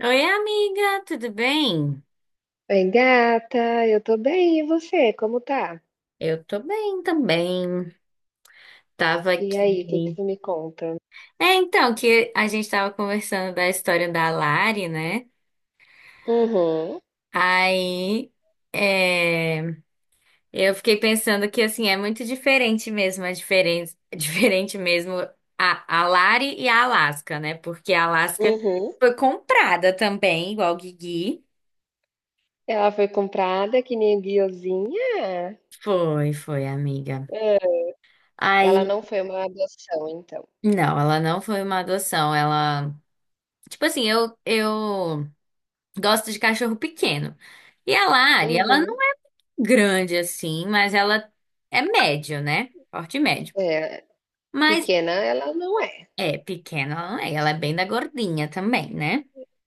Oi, amiga, tudo bem? Oi, gata, eu tô bem, e você, como tá? Eu tô bem também. Tava E aí, o que que aqui. você me conta? É, então, que a gente tava conversando da história da Lari, né? Uhum, Aí, é, eu fiquei pensando que, assim, é muito diferente mesmo, a diferença, diferente mesmo a Lari e a Alaska, né? Porque a Alaska uhum. foi comprada também, igual o Gigi. Ela foi comprada que nem guiozinha? Foi, foi, amiga. Ah, ela Aí, não foi uma adoção, então. não, ela não foi uma adoção, ela. Tipo assim, eu gosto de cachorro pequeno. E a Lari, ela não Uhum. é grande assim, mas ela é médio, né? Porte médio. É, Mas pequena ela não é, é pequena, ela não é. Ela é bem da gordinha também, né?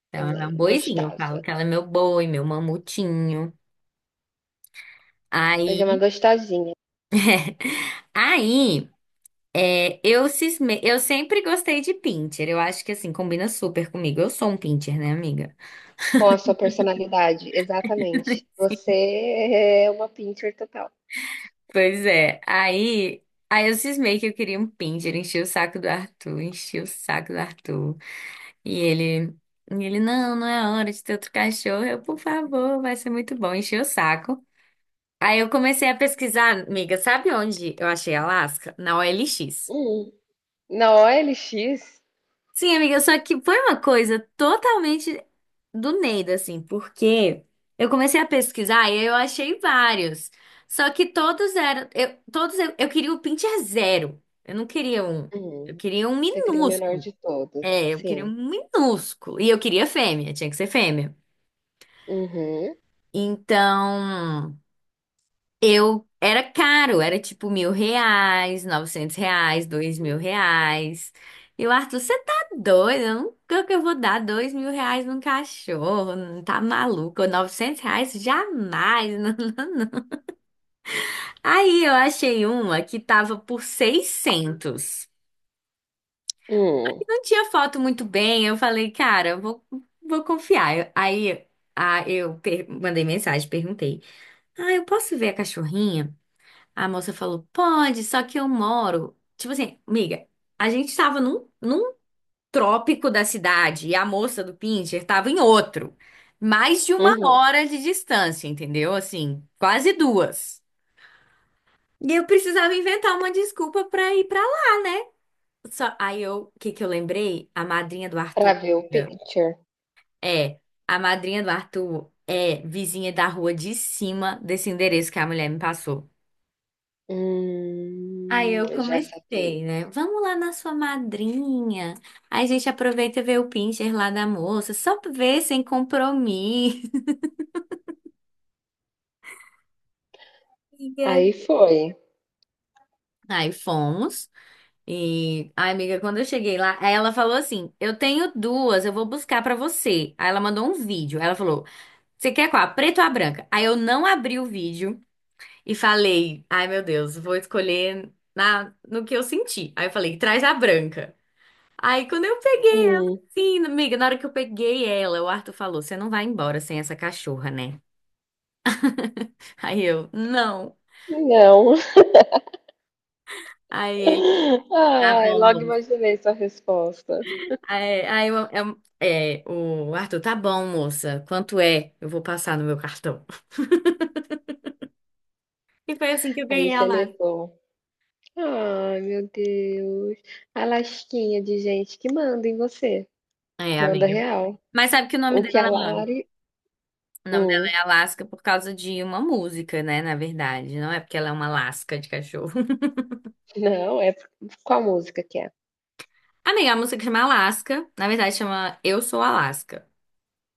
Então ela é também, um boizinho. Eu falo gostosa. que ela é meu boi, meu mamutinho. Mas é uma Aí, gostosinha, aí eu sempre gostei de pinter. Eu acho que assim, combina super comigo. Eu sou um pinter, né, amiga? com a sua personalidade, exatamente. Você é uma pincher total. Pois é. Aí, aí eu cismei que eu queria um Pinscher, enchi o saco do Arthur, enchi o saco do Arthur. E ele, e ele, não, não é hora de ter outro cachorro. Eu, por favor, vai ser muito bom. Enchi o saco. Aí eu comecei a pesquisar, amiga, sabe onde eu achei Alasca? Na OLX. Hum. Na OLX, Sim, amiga, só que foi uma coisa totalmente do Neida, assim, porque eu comecei a pesquisar e eu achei vários. Só que todos eram. Eu queria o pincher zero. Eu não queria um. Eu hum, queria um você criou o menor minúsculo. de todos, É, eu queria sim. um minúsculo. E eu queria fêmea, tinha que ser fêmea. Uhum. Então. Eu era caro, era tipo R$ 1.000, R$ 900, R$ 2.000. E o Arthur, você tá doido? Eu nunca que eu vou dar R$ 2.000 num cachorro, não tá maluco? R$ 900? Jamais. Não. Aí eu achei uma que tava por 600. Hum. Não tinha foto muito bem, eu falei, cara, eu vou confiar. Aí mandei mensagem, perguntei, ah, eu posso ver a cachorrinha? A moça falou, pode, só que eu moro. Tipo assim, miga, a gente tava num trópico da cidade e a moça do Pincher tava em outro. Mais de uma Uhum. hora de distância, entendeu? Assim, quase duas. E eu precisava inventar uma desculpa pra ir pra lá, né? Só, aí eu, o que que eu lembrei? A madrinha do Pra Arthur. ver o Miga, picture. é, a madrinha do Arthur é vizinha da rua de cima desse endereço que a mulher me passou. Aí eu Já saquei. comecei, né? Vamos lá na sua madrinha. Aí a gente aproveita e vê o pincher lá da moça, só pra ver sem compromisso. E aí? Aí foi. Aí fomos. E a amiga, quando eu cheguei lá, aí ela falou assim: Eu tenho duas, eu vou buscar pra você. Aí ela mandou um vídeo. Aí ela falou: Você quer qual? A preta ou a branca? Aí eu não abri o vídeo e falei: Ai meu Deus, vou escolher na, no que eu senti. Aí eu falei: Traz a branca. Aí quando eu peguei ela, Hum, sim, amiga, na hora que eu peguei ela, o Arthur falou: Você não vai embora sem essa cachorra, né? Aí eu, não. não. Aí ele, tá Ai, bom, logo moça. imaginei sua resposta. Aí, o Arthur, tá bom, moça. Quanto é? Eu vou passar no meu cartão. E foi assim que eu Aí ganhei a você Alaska. levou. Ai, meu Deus. A lasquinha de gente que manda em você. É, Manda amiga. real. Mas sabe que O que a Lari o nome dela hum, é Alaska por causa de uma música, né? Na verdade, não é porque ela é uma Alaska de cachorro. não, é qual música que é? Amiga, a música chama Alaska, na verdade chama Eu Sou Alaska.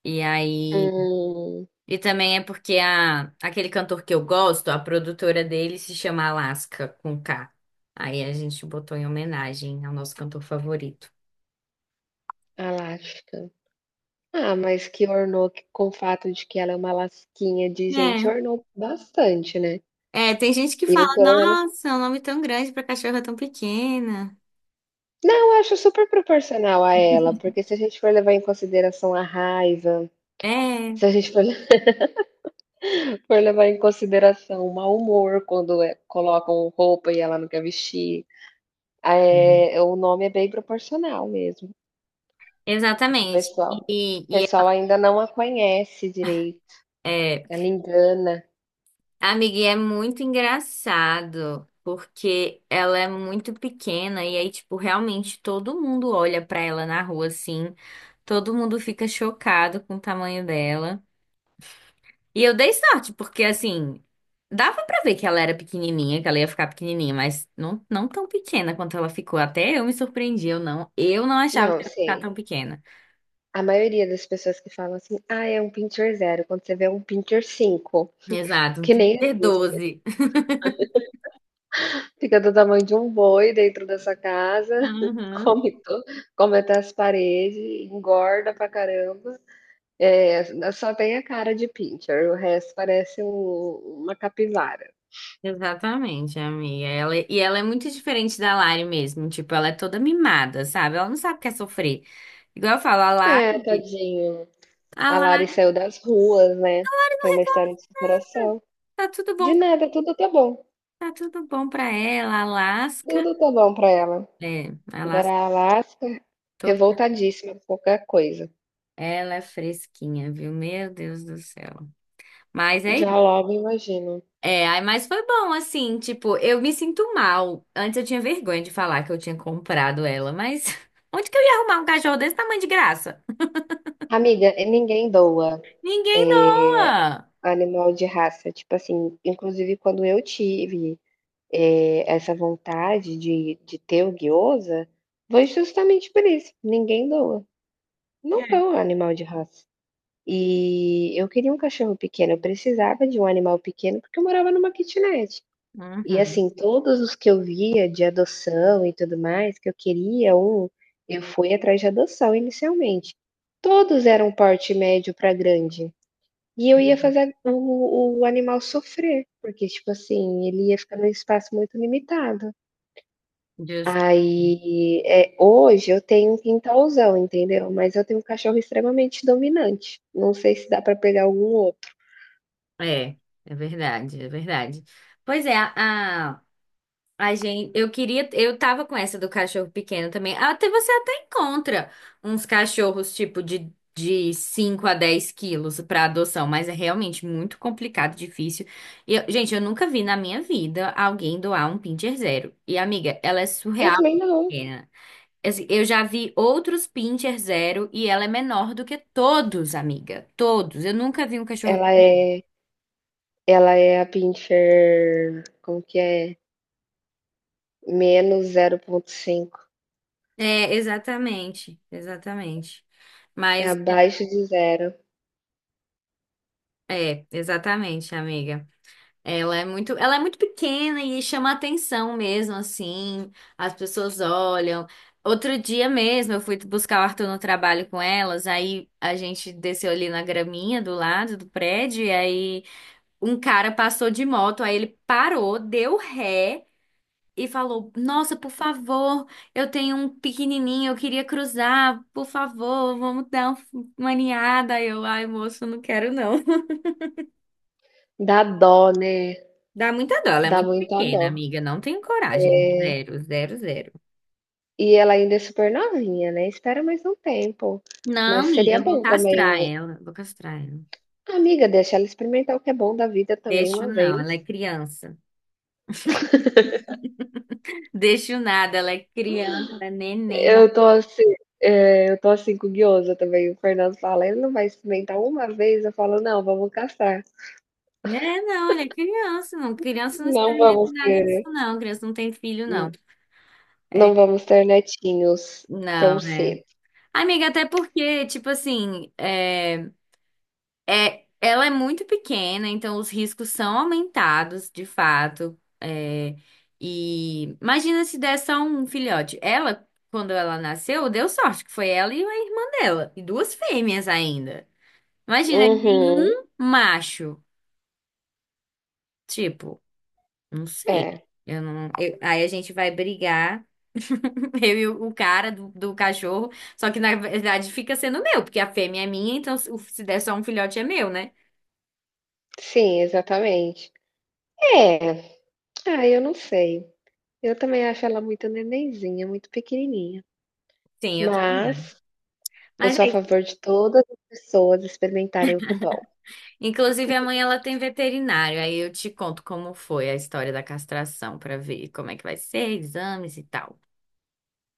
E aí. Hum, E também é porque a, aquele cantor que eu gosto, a produtora dele se chama Alaska com K. Aí a gente botou em homenagem ao nosso cantor favorito. a Ah, mas que ornou que com o fato de que ela é uma lasquinha de gente, ornou bastante, né? É, é, tem gente que fala, Eu pelo menos nossa, é um nome tão grande pra cachorra tão pequena. não, eu acho super proporcional a ela, porque se a gente for levar em consideração a raiva, É, se a gente for for levar em consideração o mau humor quando, colocam roupa e ela não quer vestir, o nome é bem proporcional mesmo, o exatamente. pessoal. E, O e pessoal ainda não a conhece direito, é, ela engana. amiga, e é muito engraçado porque ela é muito pequena e aí, tipo, realmente todo mundo olha pra ela na rua assim. Todo mundo fica chocado com o tamanho dela. E eu dei sorte, porque assim, dava pra ver que ela era pequenininha, que ela ia ficar pequenininha, mas não, não tão pequena quanto ela ficou. Até eu me surpreendi, eu não achava Não, que ela ia ficar sim. tão pequena. A maioria das pessoas que falam assim: "Ah, é um pincher zero. Quando você vê é um pincher 5, Exato, um que nem existe. D12. Fica do tamanho de um boi dentro da sua casa, Uhum. come to come até as paredes, engorda pra caramba. É, só tem a cara de pincher, o resto parece uma capivara. Exatamente, amiga. Ela, e ela é muito diferente da Lari mesmo. Tipo, ela é toda mimada, sabe? Ela não sabe o que é sofrer. Igual eu falo, É, tadinho. a A Lari Lari saiu das ruas, né, foi uma história de superação. tá tudo bom, De nada, tá tudo bom pra ela, a Alaska. tudo tá bom pra ela. É, ela, Agora a Alaska, todo... revoltadíssima com qualquer coisa. ela é fresquinha, viu? Meu Deus do céu. Mas é Já isso. logo imagino. É, aí, mas foi bom, assim, tipo, eu me sinto mal. Antes eu tinha vergonha de falar que eu tinha comprado ela, mas onde que eu ia arrumar um cachorro desse tamanho de graça? Amiga, e ninguém doa Ninguém é, doa! animal de raça. Tipo assim, inclusive quando eu tive essa vontade de ter o guiosa, foi justamente por isso. Ninguém doa. Não É. doa animal de raça. E eu queria um cachorro pequeno. Eu precisava de um animal pequeno porque eu morava numa kitnet. E Uhum, assim, todos os que eu via de adoção e tudo mais, que eu queria um, eu fui atrás de adoção inicialmente. Todos eram porte médio para grande, e eu ia fazer o animal sofrer, porque, tipo assim, ele ia ficar num espaço muito limitado. justo. Aí, hoje eu tenho um quintalzão, entendeu, mas eu tenho um cachorro extremamente dominante, não sei se dá para pegar algum outro. É, é verdade, é verdade. Pois é, a gente, eu queria, eu tava com essa do cachorro pequeno também. Até você até encontra uns cachorros tipo de 5 a 10 quilos pra adoção, mas é realmente muito complicado, difícil. Gente, eu nunca vi na minha vida alguém doar um pincher zero. E amiga, ela é surreal, Eu também não. pequena. Assim, eu já vi outros pincher zero e ela é menor do que todos, amiga. Todos. Eu nunca vi um cachorro. Ela é ela é a Pinscher como que é? -0,5, É, exatamente, exatamente. é Mas abaixo de zero. é, exatamente, amiga. Ela é muito pequena e chama atenção mesmo, assim. As pessoas olham. Outro dia mesmo, eu fui buscar o Arthur no trabalho com elas, aí a gente desceu ali na graminha do lado do prédio, e aí um cara passou de moto, aí ele parou, deu ré e falou: Nossa, por favor, eu tenho um pequenininho, eu queria cruzar, por favor, vamos dar uma aninhada. Aí eu, ai, moço, não quero não. Dá dó, né? Dá muita dó, ela é Dá muito muita dó. pequena, amiga. Não tenho coragem. É, Zero, zero, zero. e ela ainda é super novinha, né, espera mais um tempo, Não, mas amiga, seria eu vou bom castrar também, ela. Vou castrar ela. amiga, deixa ela experimentar o que é bom da vida também Deixo uma não, ela é vez. criança. Deixo nada, ela é criança, ela é neném. Eu tô assim eu tô assim com o guiosa também, o Fernando fala: "Ele não vai experimentar uma vez?", eu falo: "Não, vamos castrar, É, não, ela é criança, não. Criança não não experimenta vamos nada disso, ter não. Criança não tem filho, não. É, netinhos tão não, é. cedo". Amiga, até porque, tipo assim, é. É, ela é muito pequena, então os riscos são aumentados, de fato. É, e imagina se der só um filhote. Ela, quando ela nasceu, deu sorte, que foi ela e a irmã dela, e duas fêmeas ainda. Imagina, Uhum. nenhum macho. Tipo, não sei. É, Eu não, aí a gente vai brigar, eu e o cara do cachorro, só que na verdade fica sendo meu, porque a fêmea é minha, então se der só um filhote é meu, né? sim, exatamente. É. Ah, eu não sei. Eu também acho ela muito nenenzinha, muito pequenininha. Sim, eu também acho. Mas eu Mas sou a é, favor de todas as pessoas experimentarem o que é bom. inclusive, amanhã ela tem veterinário, aí eu te conto como foi a história da castração para ver como é que vai ser, exames e tal.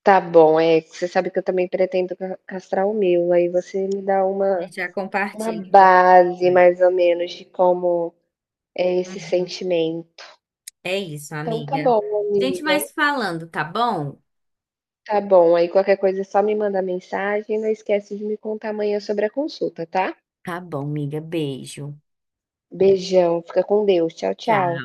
Tá bom, é, você sabe que eu também pretendo ca castrar o meu, aí você me dá A uma gente já uma compartilha informações. base mais ou menos de como é esse Uhum. sentimento. É isso, Então tá amiga. bom, Gente, amiga. mais falando, tá bom? Tá bom, aí qualquer coisa é só me mandar mensagem, não esquece de me contar amanhã sobre a consulta, tá? Tá bom, amiga. Beijo. Beijão, fica com Deus. Tchau, Tchau. tchau.